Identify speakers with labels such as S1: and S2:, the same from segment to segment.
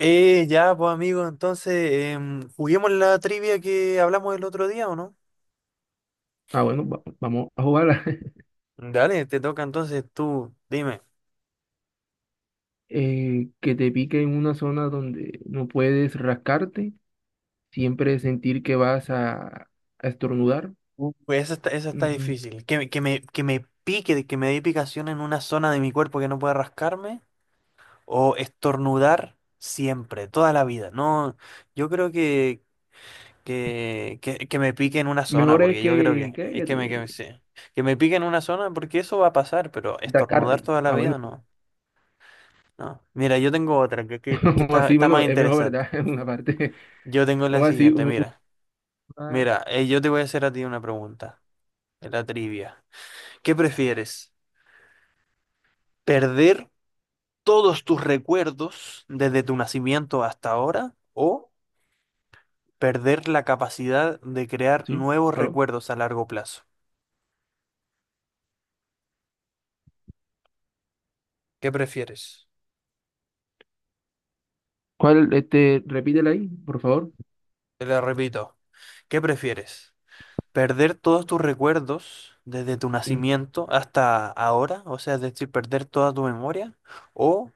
S1: Ya, pues amigo, juguemos la trivia que hablamos el otro día, ¿o no?
S2: Ah, bueno, vamos a jugarla.
S1: Dale, te toca entonces tú, dime.
S2: Que te pique en una zona donde no puedes rascarte, siempre sentir que a estornudar.
S1: Pues esa está
S2: Mm,
S1: difícil. Que me pique, que me dé picación en una zona de mi cuerpo que no pueda rascarme, o estornudar siempre, toda la vida. No, yo creo que me pique en una zona,
S2: mejor es
S1: porque yo creo que es
S2: que
S1: que me,
S2: te
S1: sí. Que me pique en una zona, porque eso va a pasar, pero estornudar
S2: atacarte.
S1: toda la
S2: Ah, bueno,
S1: vida, no. No. Mira, yo tengo otra que
S2: o
S1: está,
S2: así,
S1: está
S2: bueno,
S1: más
S2: es mejor,
S1: interesante.
S2: ¿verdad? Una parte,
S1: Yo tengo la
S2: o así,
S1: siguiente, mira.
S2: ah,
S1: Mira, yo te voy a hacer a ti una pregunta, en la trivia. ¿Qué prefieres? ¿Perder todos tus recuerdos desde tu nacimiento hasta ahora o perder la capacidad de crear
S2: sí,
S1: nuevos
S2: ¿aló?
S1: recuerdos a largo plazo? ¿Qué prefieres?
S2: ¿Cuál, este, repítela ahí, por favor?
S1: Te lo repito. ¿Qué prefieres? ¿Perder todos tus recuerdos desde tu
S2: Mm,
S1: nacimiento hasta ahora? O sea, es decir, perder toda tu memoria. O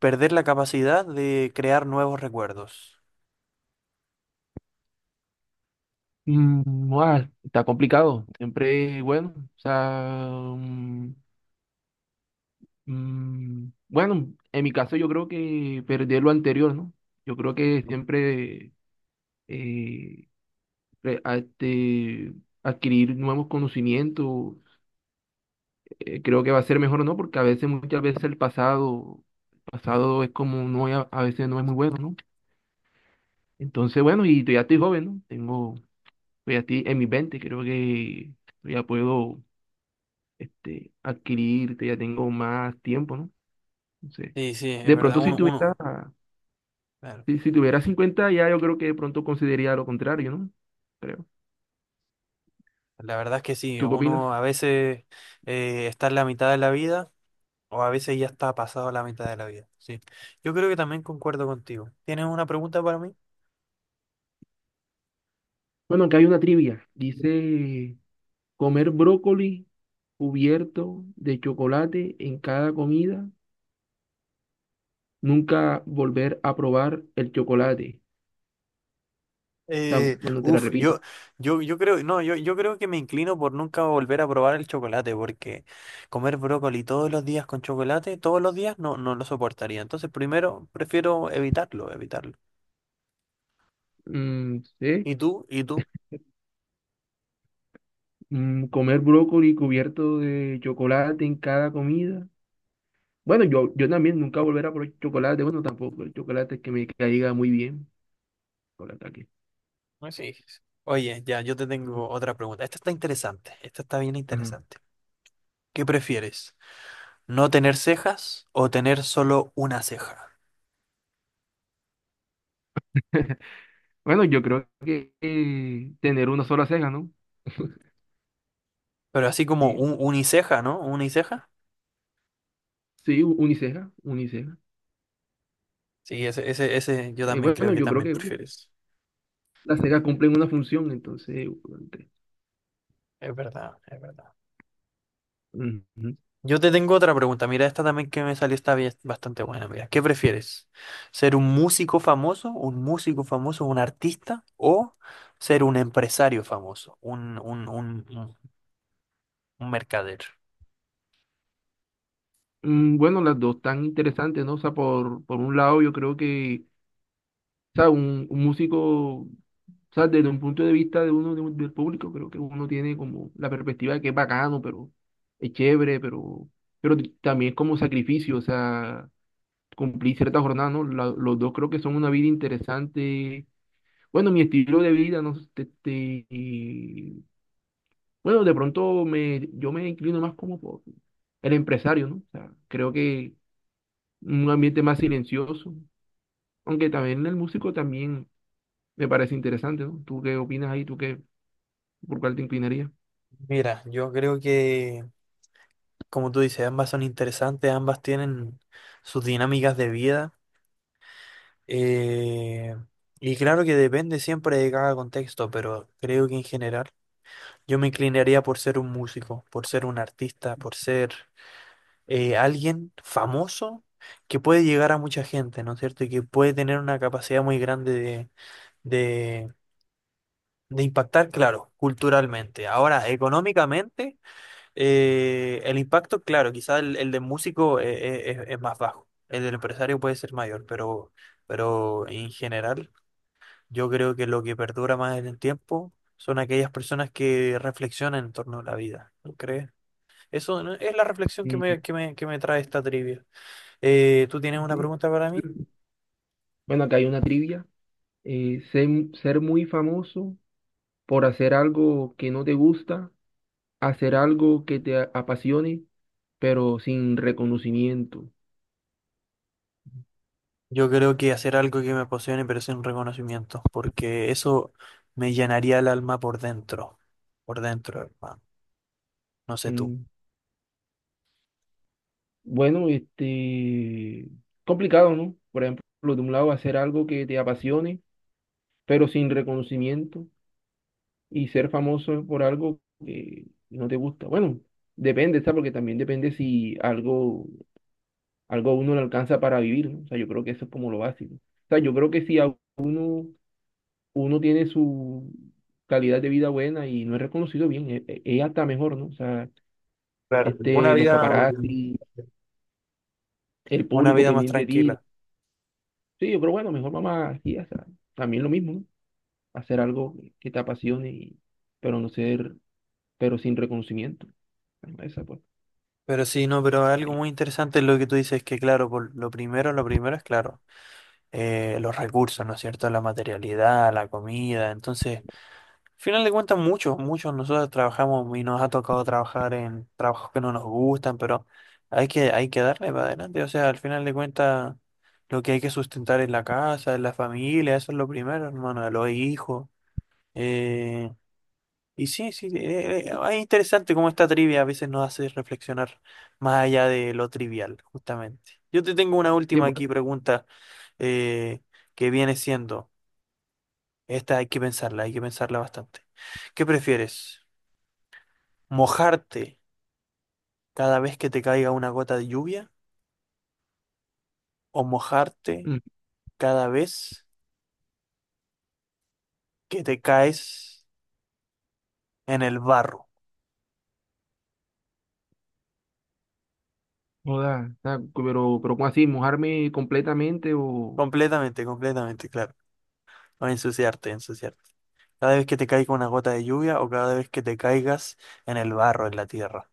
S1: perder la capacidad de crear nuevos recuerdos.
S2: está complicado, siempre, bueno, o sea, mm, bueno, en mi caso yo creo que perder lo anterior, ¿no? Yo creo que siempre eh, este, adquirir nuevos conocimientos, creo que va a ser mejor, ¿no? Porque a veces, muchas veces el pasado es como no, a veces no es muy bueno, ¿no? Entonces, bueno, y ya estoy joven, ¿no? Tengo, estoy aquí en mis 20, creo que ya puedo, este, adquirir, ya tengo más tiempo, ¿no? Entonces,
S1: Sí, sí, es
S2: de
S1: verdad,
S2: pronto si tuviera
S1: claro,
S2: si, si tuviera 50, ya yo creo que de pronto consideraría lo contrario, ¿no? Creo.
S1: la verdad es que sí,
S2: ¿Tú qué opinas?
S1: uno a veces está en la mitad de la vida o a veces ya está pasado la mitad de la vida, sí. Yo creo que también concuerdo contigo. ¿Tienes una pregunta para mí?
S2: Bueno, acá hay una trivia. Dice, comer brócoli cubierto de chocolate en cada comida, nunca volver a probar el chocolate. O sea, bueno, te la
S1: Uf,
S2: repito.
S1: yo, yo, yo creo, no, Yo creo que me inclino por nunca volver a probar el chocolate, porque comer brócoli todos los días con chocolate, todos los días no, no lo soportaría. Entonces, primero, prefiero evitarlo.
S2: Mm, sí.
S1: ¿Y tú? ¿Y tú?
S2: Mm, comer brócoli cubierto de chocolate en cada comida. Bueno, yo también nunca volver a probar chocolate. Bueno, tampoco. El chocolate es que me caiga muy bien. Chocolate aquí.
S1: Pues sí. Oye, ya, yo te
S2: Mm.
S1: tengo otra pregunta. Esta está interesante. Esta está bien
S2: Ajá.
S1: interesante. ¿Qué prefieres? ¿No tener cejas o tener solo una ceja?
S2: Bueno, yo creo que tener una sola ceja, ¿no?
S1: Pero así como
S2: Sí,
S1: un uniceja, ¿no? ¿Uniceja?
S2: sí, uniceja, uniceja.
S1: Sí, ese yo también creo
S2: Bueno,
S1: que
S2: yo creo
S1: también
S2: que bueno,
S1: prefieres.
S2: las cejas cumplen una función, entonces, ante-
S1: Es verdad, es verdad.
S2: ujú.
S1: Yo te tengo otra pregunta. Mira, esta también que me salió está bien- bastante buena. Mira, ¿qué prefieres? ¿Ser un músico famoso, un músico famoso, un artista o ser un empresario famoso, un mercader?
S2: Mm, bueno, las dos tan interesantes, ¿no? O sea, por un lado, yo creo que, o sea, un músico, o sea, desde un punto de vista de uno, del público, creo que uno tiene como la perspectiva de que es bacano, pero es chévere, pero también es como sacrificio, o sea, cumplí cierta jornada, ¿no? Los dos creo que son una vida interesante. Bueno, mi estilo de vida, no sé, y, bueno, de pronto me, yo me inclino más como por el empresario, ¿no? O sea, creo que un ambiente más silencioso, aunque también el músico también me parece interesante, ¿no? ¿Tú qué opinas ahí? ¿Tú qué, por cuál te inclinarías?
S1: Mira, yo creo que, como tú dices, ambas son interesantes, ambas tienen sus dinámicas de vida. eh, y claro que depende siempre de cada contexto, pero creo que en general yo me inclinaría por ser un músico, por ser un artista, por ser alguien famoso que puede llegar a mucha gente, ¿no es cierto? Y que puede tener una capacidad muy grande de de impactar, claro, culturalmente. Ahora, económicamente. El impacto, claro, quizá el de músico es más bajo, el del empresario puede ser mayor, pero en general yo creo que lo que perdura más en el tiempo son aquellas personas que reflexionan en torno a la vida, ¿no crees? Eso, ¿no?, es la reflexión que me,
S2: Mm,
S1: que me, que me trae esta trivia. ¿Tú tienes una
S2: sí.
S1: pregunta para mí?
S2: Bueno, acá hay una trivia. Eh, ser, ser muy famoso por hacer algo que no te gusta, hacer algo que apasione, pero sin reconocimiento.
S1: Yo creo que hacer algo que me apasione pero sin reconocimiento, porque eso me llenaría el alma por dentro, hermano. No sé tú.
S2: Mm, bueno, este, complicado, ¿no? Por ejemplo, de un lado, hacer algo que te apasione, pero sin reconocimiento, y ser famoso por algo que no te gusta. Bueno, depende, ¿sabes? Porque también depende si algo, algo a uno le alcanza para vivir, ¿no? O sea, yo creo que eso es como lo básico. O sea, yo creo que si a uno, uno tiene su calidad de vida buena y no es reconocido bien, es, hasta mejor, ¿no? O sea,
S1: Claro,
S2: este, los paparazzi, el
S1: una
S2: público
S1: vida más
S2: pendiente de ti, ¿no?
S1: tranquila.
S2: Sí, pero bueno, mejor mamá, aquí, o sea, también lo mismo, ¿no? Hacer algo que te apasione, pero no ser, pero sin reconocimiento. Ahí va esa, pues,
S1: Pero sí, no, pero algo
S2: ahí.
S1: muy interesante es lo que tú dices, que claro, por lo primero es claro, los recursos, ¿no es cierto? La materialidad, la comida. Entonces, al final de cuentas, muchos, muchos nosotros trabajamos y nos ha tocado trabajar en trabajos que no nos gustan, pero hay que darle para adelante. O sea, al final de cuentas, lo que hay que sustentar es la casa, es la familia, eso es lo primero, hermano, los hijos. eh, Y sí, sí, es interesante cómo esta trivia a veces nos hace reflexionar más allá de lo trivial, justamente. Yo te tengo una
S2: Sí, es
S1: última aquí
S2: bueno.
S1: pregunta eh, que viene siendo, esta hay que pensarla bastante. ¿Qué prefieres? ¿Mojarte cada vez que te caiga una gota de lluvia o mojarte
S2: Mm,
S1: cada vez que te caes en el barro?
S2: joda, o sea, pero ¿cómo así? ¿Mojarme completamente o...?
S1: Completamente, completamente, claro. O ensuciarte, ensuciarte. Cada vez que te caiga una gota de lluvia o cada vez que te caigas en el barro, en la tierra.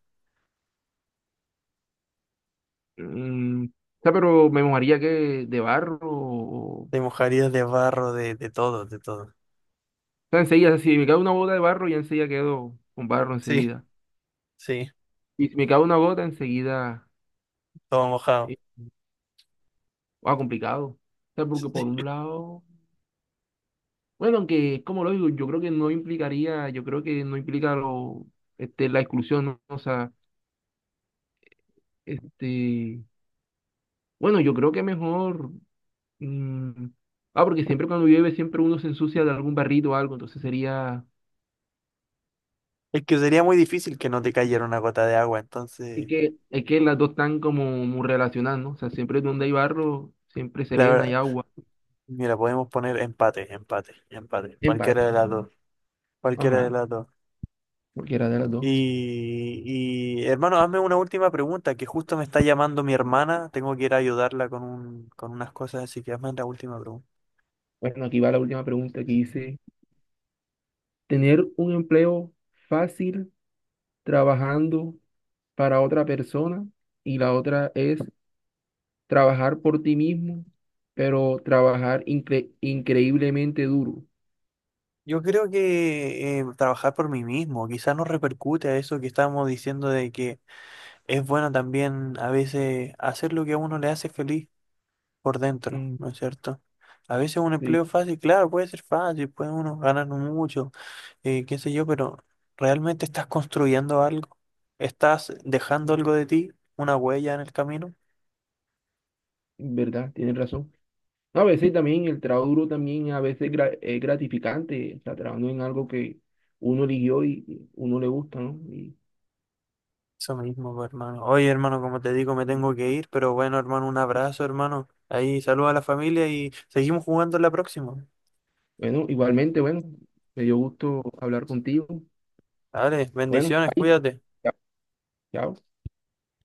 S2: Mm, o sea, pero me mojaría que de barro o,
S1: Te mojarías de barro, de todo, de todo.
S2: O enseguida, si me cae una gota de barro, ya enseguida quedo con barro
S1: Sí,
S2: enseguida.
S1: sí,
S2: Y si me cae una gota, enseguida,
S1: todo mojado.
S2: eh, complicado. O sea, porque por
S1: Sí.
S2: un lado, bueno, aunque es como lo digo, yo creo que no implicaría, yo creo que no implica lo, este, la exclusión, ¿no? O sea, este, bueno, yo creo que mejor, mm, porque siempre cuando llueve, siempre uno se ensucia de algún barrito o algo, entonces sería,
S1: Es que sería muy difícil que no te cayera una gota de agua, entonces,
S2: es que las dos están como muy relacionadas, ¿no? O sea, siempre donde hay barro, siempre
S1: la
S2: serena y
S1: verdad,
S2: agua.
S1: mira, podemos poner empate, empate, empate.
S2: En parte.
S1: Cualquiera de las dos, cualquiera de
S2: Ajá.
S1: las dos.
S2: Cualquiera de las dos.
S1: Y hermano, hazme una última pregunta, que justo me está llamando mi hermana, tengo que ir a ayudarla con un, con unas cosas, así que hazme la última pregunta.
S2: Bueno, aquí va la última pregunta que dice, ¿tener un empleo fácil trabajando para otra persona? Y la otra es trabajar por ti mismo, pero trabajar increíblemente duro.
S1: Yo creo que trabajar por mí mismo, quizás nos repercute a eso que estábamos diciendo de que es bueno también a veces hacer lo que a uno le hace feliz por dentro,
S2: Mm,
S1: ¿no es cierto? A veces un
S2: sí,
S1: empleo fácil, claro, puede ser fácil, puede uno ganar mucho, qué sé yo, pero ¿realmente estás construyendo algo? ¿Estás dejando algo de ti, una huella en el camino?
S2: verdad, tienes razón. No, a veces también el trabajo duro también a veces es gratificante, o trabajando en algo que uno eligió y uno le gusta, ¿no? Y
S1: Eso mismo, pues, hermano. Oye, hermano, como te digo, me tengo que ir, pero bueno, hermano, un abrazo, hermano. Ahí saluda a la familia y seguimos jugando la próxima.
S2: bueno, igualmente, bueno, me dio gusto hablar contigo.
S1: Dale,
S2: Bueno,
S1: bendiciones,
S2: ahí.
S1: cuídate.
S2: Chao. Chao.